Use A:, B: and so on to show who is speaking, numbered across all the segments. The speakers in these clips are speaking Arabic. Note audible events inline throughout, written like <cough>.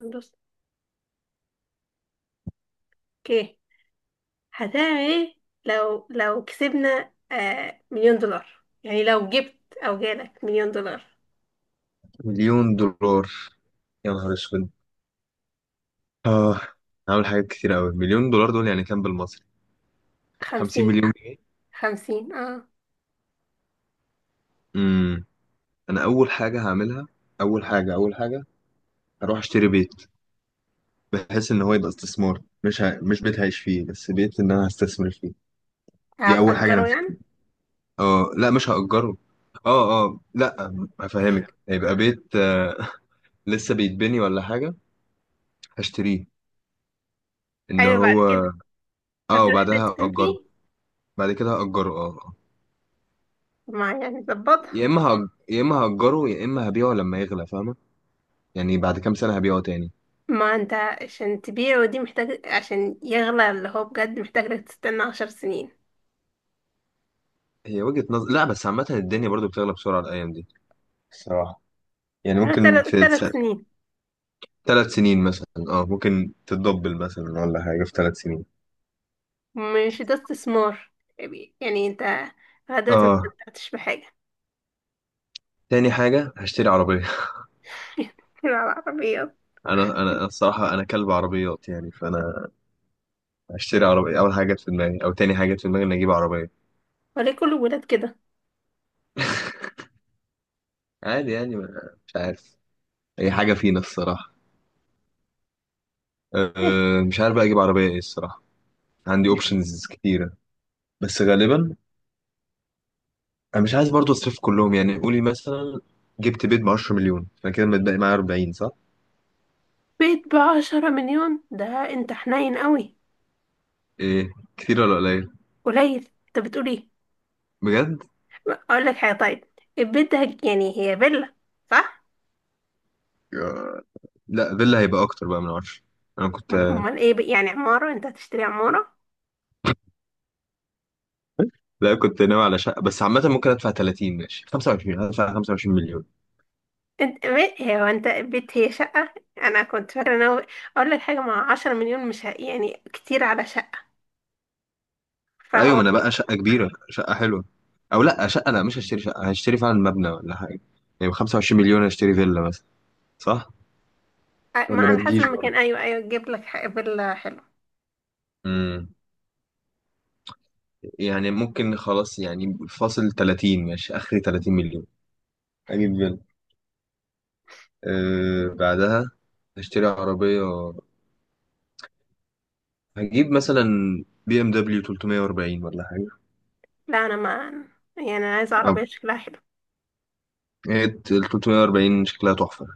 A: بص، اوكي، هتعمل ايه لو كسبنا مليون دولار؟ يعني لو جبت او جالك مليون دولار.
B: مليون دولار، يا نهار اسود. اه، هعمل حاجات كتير قوي. مليون دولار دول يعني كام بالمصري؟ 50
A: خمسين.
B: مليون جنيه.
A: خمسين، اه.
B: امم انا اول حاجه هعملها، اول حاجه هروح اشتري بيت، بحيث ان هو يبقى استثمار. مش بيت هعيش فيه بس، بيت ان انا هستثمر فيه. دي اول حاجه انا
A: هتأجره
B: فيه.
A: يعني؟
B: اه، لا مش هأجره. اه اه لا، هفهمك، هيبقى بيت <laughs> لسه بيتبني ولا حاجه، هشتريه. ان
A: ايوه، بعد
B: هو
A: كده
B: اه
A: هتروح
B: وبعدها
A: تسكن
B: هأجره.
A: فيه.
B: بعد كده هأجره، اه.
A: ما يعني ظبطها.
B: يا اما يا اما هأجره، يا اما هبيعه لما يغلى، فاهمه؟ يعني بعد كام سنه هبيعه تاني.
A: ما انت عشان تبيعه دي محتاج، عشان يغلى اللي هو بجد محتاج لك تستنى عشر سنين.
B: هي وجهة نظر، لا بس عامة الدنيا برضو بتغلى بسرعة الأيام دي الصراحة. يعني ممكن
A: تلات
B: في
A: تلات سنين.
B: ثلاث سنين مثلا، اه ممكن تتدبل مثلا ولا حاجة في ثلاث سنين.
A: مش ده استثمار يعني؟ انت لغاية دلوقتي ما
B: اه،
A: استمتعتش بحاجة.
B: تاني حاجة هشتري عربية. <laughs>
A: <laughs> العربيات.
B: أنا الصراحة أنا كلب عربيات، يعني فأنا هشتري عربية. أول حاجة جت في دماغي أو تاني حاجة جت في دماغي إني أجيب عربية.
A: وليه كل الولاد كده؟
B: عادي يعني، مش عارف، هي حاجة فينا الصراحة. أه، مش عارف بقى أجيب عربية إيه الصراحة. عندي أوبشنز كتيرة، بس غالبا انا مش عايز برضو اصرف كلهم. يعني قولي مثلا جبت بيت ب 10 مليون، فانا كده متبقي معايا 40، صح؟
A: بيت بعشرة مليون؟ ده انت حنين قوي.
B: ايه، كتير ولا قليل؟
A: قليل، انت بتقول ايه؟
B: بجد؟
A: اقول لك حاجة طيب، البيت ده يعني هي فيلا، صح؟
B: آه. لا فيلا هيبقى اكتر بقى من 10. انا كنت،
A: امال ايه؟ يعني عمارة؟ انت هتشتري عمارة؟
B: لا كنت ناوي على شقه، بس عامه ممكن ادفع 30. ماشي، 25، هدفع 25 مليون.
A: انت بيت، هو انت بيت هي شقة؟ انا كنت فاكرة ان هو، اقول لك حاجة، مع عشرة مليون مش يعني كتير على شقة،
B: ايوه، ما
A: فهو.
B: انا بقى شقه كبيره، شقه حلوه. او لا شقه، لا مش هشتري شقه، هشتري فعلا مبنى ولا حاجه. يعني ب 25 مليون اشتري فيلا مثلا، صح؟
A: ما
B: ولا ما
A: على حسب
B: تجيش
A: المكان،
B: برضه؟
A: ايوه ايوه، تجيب لك فيلا حلو.
B: امم يعني ممكن خلاص يعني فاصل 30. ماشي، اخري 30 مليون، اجيب فيلا. أه بعدها هشتري عربية، هجيب مثلا بي ام دبليو 340 ولا حاجة.
A: لا انا ما، يعني انا عايزة
B: أه،
A: عربية شكلها حلو،
B: هي ال 340 شكلها تحفة.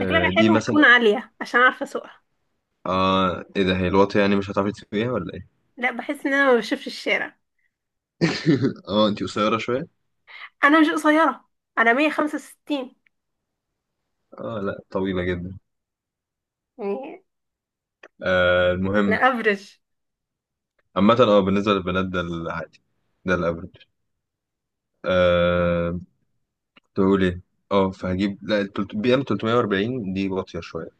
A: شكلها
B: دي
A: حلو وتكون
B: مثلا.
A: عالية عشان اعرف اسوقها.
B: اه، ايه ده؟ هي الواطية يعني مش هتعرفي تسوقيها ولا ايه؟
A: لا بحس ان انا ما بشوفش الشارع.
B: <laughs> اه، انتي قصيرة شوية؟
A: انا مش قصيره، انا 165
B: اه لا، طويلة جدا.
A: يعني.
B: آه
A: انا
B: المهم،
A: افرج.
B: عامة اه بالنسبة للبنات ده العادي، ده الافرج. آه، كنت بقول ايه؟ اه، فهجيب، لا بي ام 340 دي واطية شوية،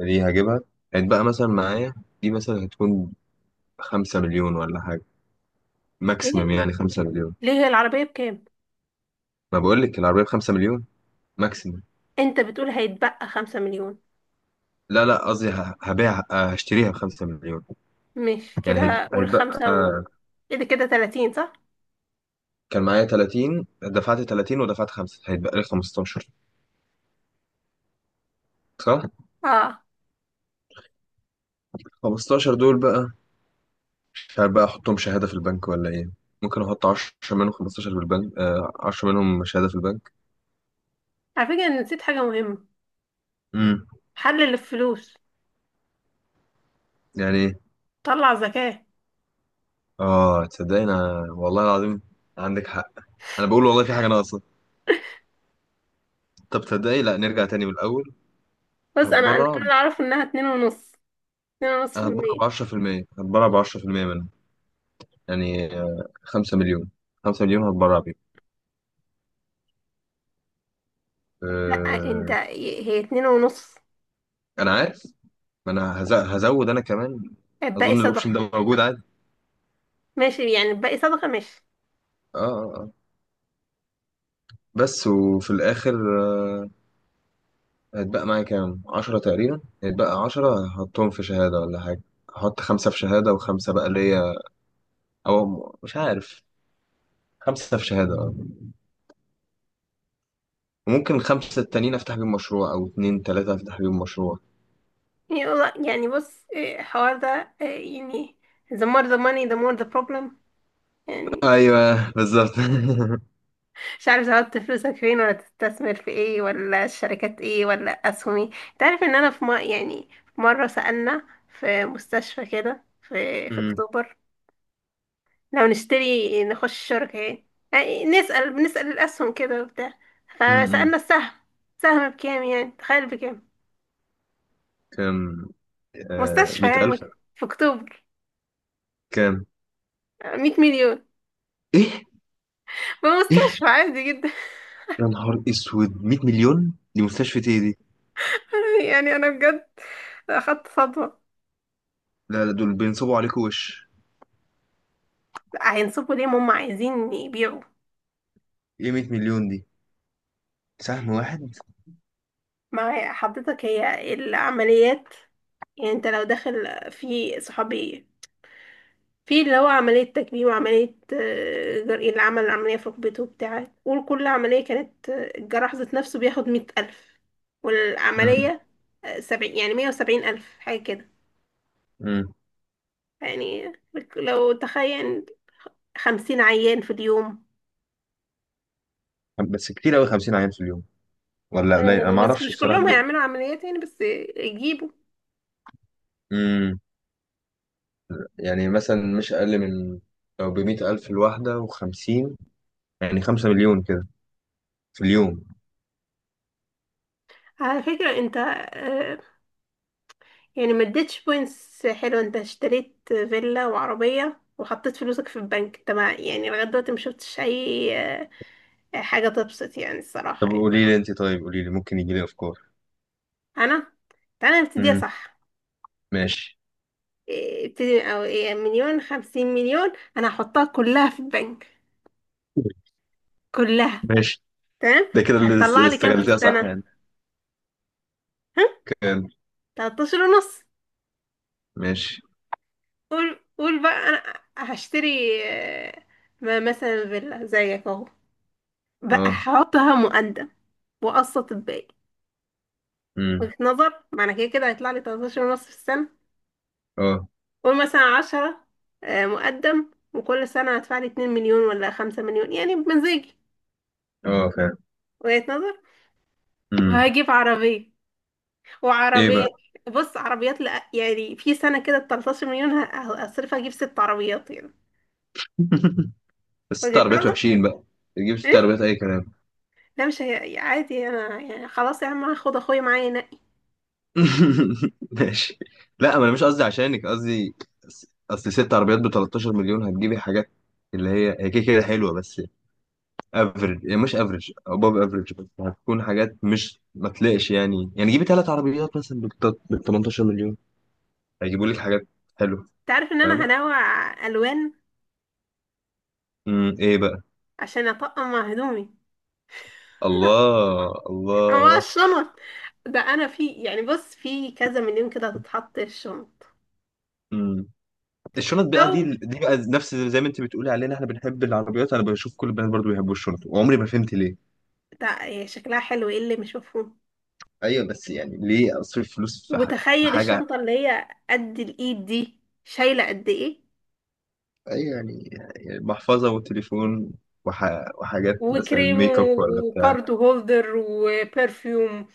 B: دي هجيبها. هيتبقى مثلا معايا، دي مثلا هتكون خمسة مليون ولا حاجة، ماكسيمم
A: ايه؟
B: يعني خمسة مليون.
A: ليه هي العربيه بكام؟
B: ما بقولك العربية بخمسة مليون ماكسيمم.
A: انت بتقول هيتبقى 5 مليون؟
B: لا لا، قصدي ه- هبيع آه، هشتريها بخمسة مليون.
A: مش
B: يعني
A: كده، قول
B: هيتبقى
A: خمسة ايه ده كده 30، صح؟
B: كان معايا 30، دفعت 30 ودفعت خمسة، هيتبقى لي 15، صح؟
A: اه.
B: 15 دول بقى مش عارف بقى أحطهم شهادة في البنك ولا إيه. ممكن أحط 10 منهم، 15 في البنك آه، 10 منهم شهادة في البنك.
A: على فكره أنا نسيت حاجه مهمه.
B: امم
A: حلل الفلوس،
B: يعني إيه؟
A: طلع زكاه.
B: اه تصدقني، انا والله العظيم عندك حق. انا بقول والله في حاجه ناقصه. طب تصدقني، لا نرجع تاني من الاول.
A: بص انا
B: هتبرع،
A: كان اعرف انها اتنين ونص. اتنين ونص في
B: انا هتبرع
A: المية.
B: ب 10%، هتبرع ب 10% منه. يعني 5 مليون، 5 مليون هتبرع بيه.
A: لا، انت
B: أه...
A: هي اتنين ونص.
B: انا عارف، ما انا هزود انا كمان.
A: الباقي
B: اظن
A: صدقه،
B: الاوبشن ده موجود عادي.
A: ماشي. يعني الباقي صدقه، ماشي.
B: اه اه آه. بس وفي الاخر آه، هيتبقى معايا كام، 10 تقريبا. هيتبقى 10، هحطهم في شهاده ولا حاجه. هحط خمسة في شهادة وخمسة بقى ليا، أو مش عارف، خمسة في شهادة آه. ممكن الخمسة التانيين أفتح بيهم مشروع، أو اتنين تلاتة أفتح بيهم مشروع.
A: يعني يعني، بص إيه، الحوار ده إيه، يعني the more the money the more the problem. يعني
B: أيوه بالظبط. <laughs>
A: مش عارف تحط فلوسك فين، ولا تستثمر في ايه، ولا الشركات ايه، ولا اسهم ايه. انت عارف ان انا يعني، في مرة سألنا في مستشفى كده في في
B: أمم،
A: اكتوبر، لو نشتري نخش شركة ايه، يعني نسأل، بنسأل الاسهم كده وبتاع.
B: أمم.
A: فسألنا السهم، سهم بكام، يعني تخيل بكام؟
B: كام؟ آه
A: مستشفى
B: مية
A: يعني،
B: ألف.
A: في اكتوبر.
B: كام؟
A: 100 مليون.
B: إيه؟ إيه؟
A: بمستشفى عادي جدا.
B: يا نهار أسود، مية مليون دي مستشفى إيه دي؟
A: <laughs> يعني انا بجد اخدت صدمة.
B: لا لا، دول بينصبوا عليكوا وش.
A: هينصبوا ليه؟ ما هم عايزين يبيعوا.
B: إيه، مية مليون دي سهم واحد؟
A: ما هي حضرتك هي العمليات. يعني انت لو داخل في صحابي، في اللي هو عملية تكميم، وعملية جرقين اللي عمل العملية في ركبته وبتاع، قول كل عملية كانت الجراح ذات نفسه بياخد مية ألف،
B: أمم،
A: والعملية سبعين، يعني مية وسبعين ألف، حاجة كده.
B: أمم.
A: يعني لو تخيل خمسين عيان في اليوم.
B: بس كتير أوي خمسين عيان في اليوم، ولا قليل؟ أنا
A: أنا بس
B: معرفش
A: مش
B: الصراحة
A: كلهم
B: دي.
A: هيعملوا عمليات، يعني بس يجيبوا.
B: أمم. يعني مثلا مش أقل من، لو بمية ألف الواحدة وخمسين، يعني خمسة مليون كده في اليوم.
A: على فكرة انت يعني ما اديتش بوينتس حلوه. انت اشتريت فيلا وعربيه وحطيت فلوسك في البنك. انت ما يعني لغايه دلوقتي ما شفتش اي حاجه تبسط يعني، الصراحه
B: طب
A: يعني.
B: قولي لي انت، طيب قولي لي، ممكن يجي لي افكار.
A: انا، تعالى نبتديها
B: امم
A: صح.
B: ماشي.
A: إيه، ابتدي او إيه، مليون، خمسين مليون. انا هحطها كلها في البنك، كلها.
B: ماشي،
A: تمام.
B: ده كده اللي
A: هتطلع لي كام في
B: استغلتها صح
A: السنه؟
B: يعني.
A: ها؟
B: كان،
A: 13 ونص.
B: ماشي.
A: قول قول بقى، انا هشتري آه، مثلا فيلا زيك اهو، بقى
B: اه.
A: هحطها مقدم واقسط الباقي.
B: امم
A: وجهة نظر. معنى كده كده هيطلع لي 13 ونص في السنة.
B: اه.
A: قول مثلا 10 مقدم، وكل سنة هدفع لي 2 مليون ولا 5 مليون، يعني بمزاجي.
B: اه فعلا.
A: وجهة نظر.
B: امم
A: وهجيب عربية
B: ايه
A: وعربية.
B: بقى؟
A: بص عربيات، لأ يعني، في سنة كده ب 13 مليون هصرف اجيب ست عربيات يعني.
B: <laughs> بس ست
A: وجهة
B: عربيات
A: نظر.
B: وحشين بقى، تجيب ست
A: ايه؟
B: عربيات اي كلام.
A: لا مش هي يعني، عادي انا يعني، خلاص يا عم هاخد اخويا معايا ينقي.
B: <laughs> ماشي. لا ما انا مش قصدي عشانك، قصدي أص- اصل ست عربيات ب 13 مليون هتجيبي حاجات اللي هي هي كده كده حلوه بس افريج، يعني مش افريج اباف افريج، بس هتكون حاجات، مش ما تلاقيش يعني. يعني جيبي ثلاث عربيات مثلا بال 18 مليون، هيجيبوا لك حاجات حلوه.
A: انت عارف ان انا
B: فاهم.
A: هنوع الوان
B: ايه بقى؟
A: عشان اطقم مع هدومي،
B: الله
A: مع
B: الله.
A: الشنط. ده انا في يعني، بص، في كذا مليون كده هتتحط الشنط.
B: امم الشنط بقى دي
A: او
B: دي بقى نفس زي ما انت بتقولي علينا احنا بنحب العربيات، انا بشوف كل البنات برضو بيحبوا الشنط وعمري ما فهمت ليه.
A: ده هي شكلها حلو، ايه اللي مش مفهوم؟
B: ايوه بس يعني ليه اصرف فلوس في في
A: وتخيل
B: حاجه؟
A: الشنطة اللي هي قد الايد دي شايلة قد ايه.
B: ايوه يعني، يعني محفظه وتليفون وح... وحاجات مثلا
A: وكريم
B: ميك اب ولا بتاع.
A: وكارد هولدر وبرفيوم،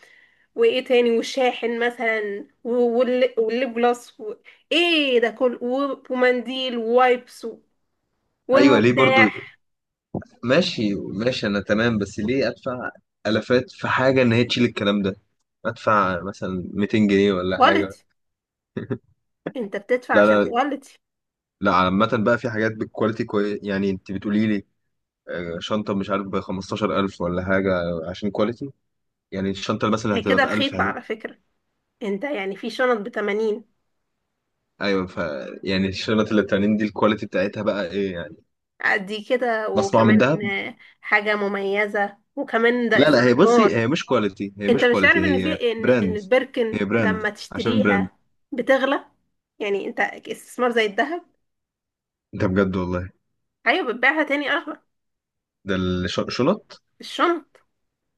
A: وايه تاني، وشاحن مثلا، والليب جلاس ايه ده كله، و ومنديل ووايبس
B: ايوه ليه برضو؟
A: والمفتاح.
B: ماشي ماشي، انا تمام، بس ليه ادفع الافات في حاجه ان هي تشيل الكلام ده؟ ادفع مثلا 200 جنيه ولا حاجه.
A: كواليتي، انت بتدفع
B: لا
A: عشان
B: لا.
A: كواليتي.
B: لا عامه بقى في حاجات بالكواليتي كويس، يعني انت بتقولي لي شنطه مش عارف ب 15,000 ولا حاجه عشان كواليتي. يعني الشنطه اللي مثلا
A: هي
B: هتبقى
A: كده
B: ب 1000،
A: رخيصة على فكرة، انت يعني في شنط بتمانين
B: ايوه. ف يعني الشنط اللي بتعملين دي الكواليتي بتاعتها بقى ايه يعني،
A: قد كده
B: مصنوعه
A: وكمان.
B: من دهب؟
A: حاجة مميزة، وكمان ده
B: لا لا، هي بصي
A: استثمار.
B: هي مش كواليتي، هي
A: انت
B: مش
A: مش
B: كواليتي،
A: عارف ان
B: هي
A: في ان
B: براند،
A: البركن
B: هي
A: لما
B: براند عشان براند.
A: تشتريها بتغلى، يعني انت استثمار زي الذهب.
B: ده بجد والله.
A: ايوه، بتبيعها تاني اغلى.
B: ده الشنط،
A: الشنط.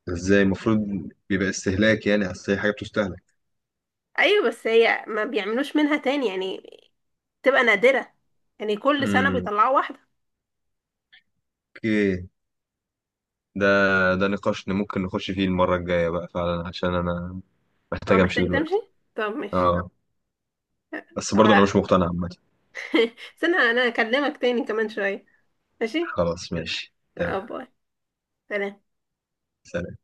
B: ازاي؟ المفروض بيبقى استهلاك يعني، اصل هي حاجه بتستهلك.
A: ايوه بس هي ما بيعملوش منها تاني يعني، تبقى نادرة، يعني كل سنة
B: امم
A: بيطلعوا واحدة.
B: اوكي. ده ده نقاش ممكن نخش فيه المره الجايه بقى فعلا، عشان انا
A: اه
B: محتاج امشي
A: محتاج تمشي؟
B: دلوقتي.
A: طب ماشي.
B: اه،
A: أه،
B: بس برضه انا مش
A: أبقى-
B: مقتنع عامه.
A: <laughs> استنى، انا اكلمك تاني كمان شوية. ماشي.
B: خلاص ماشي
A: اه،
B: تمام.
A: باي. سلام.
B: سلام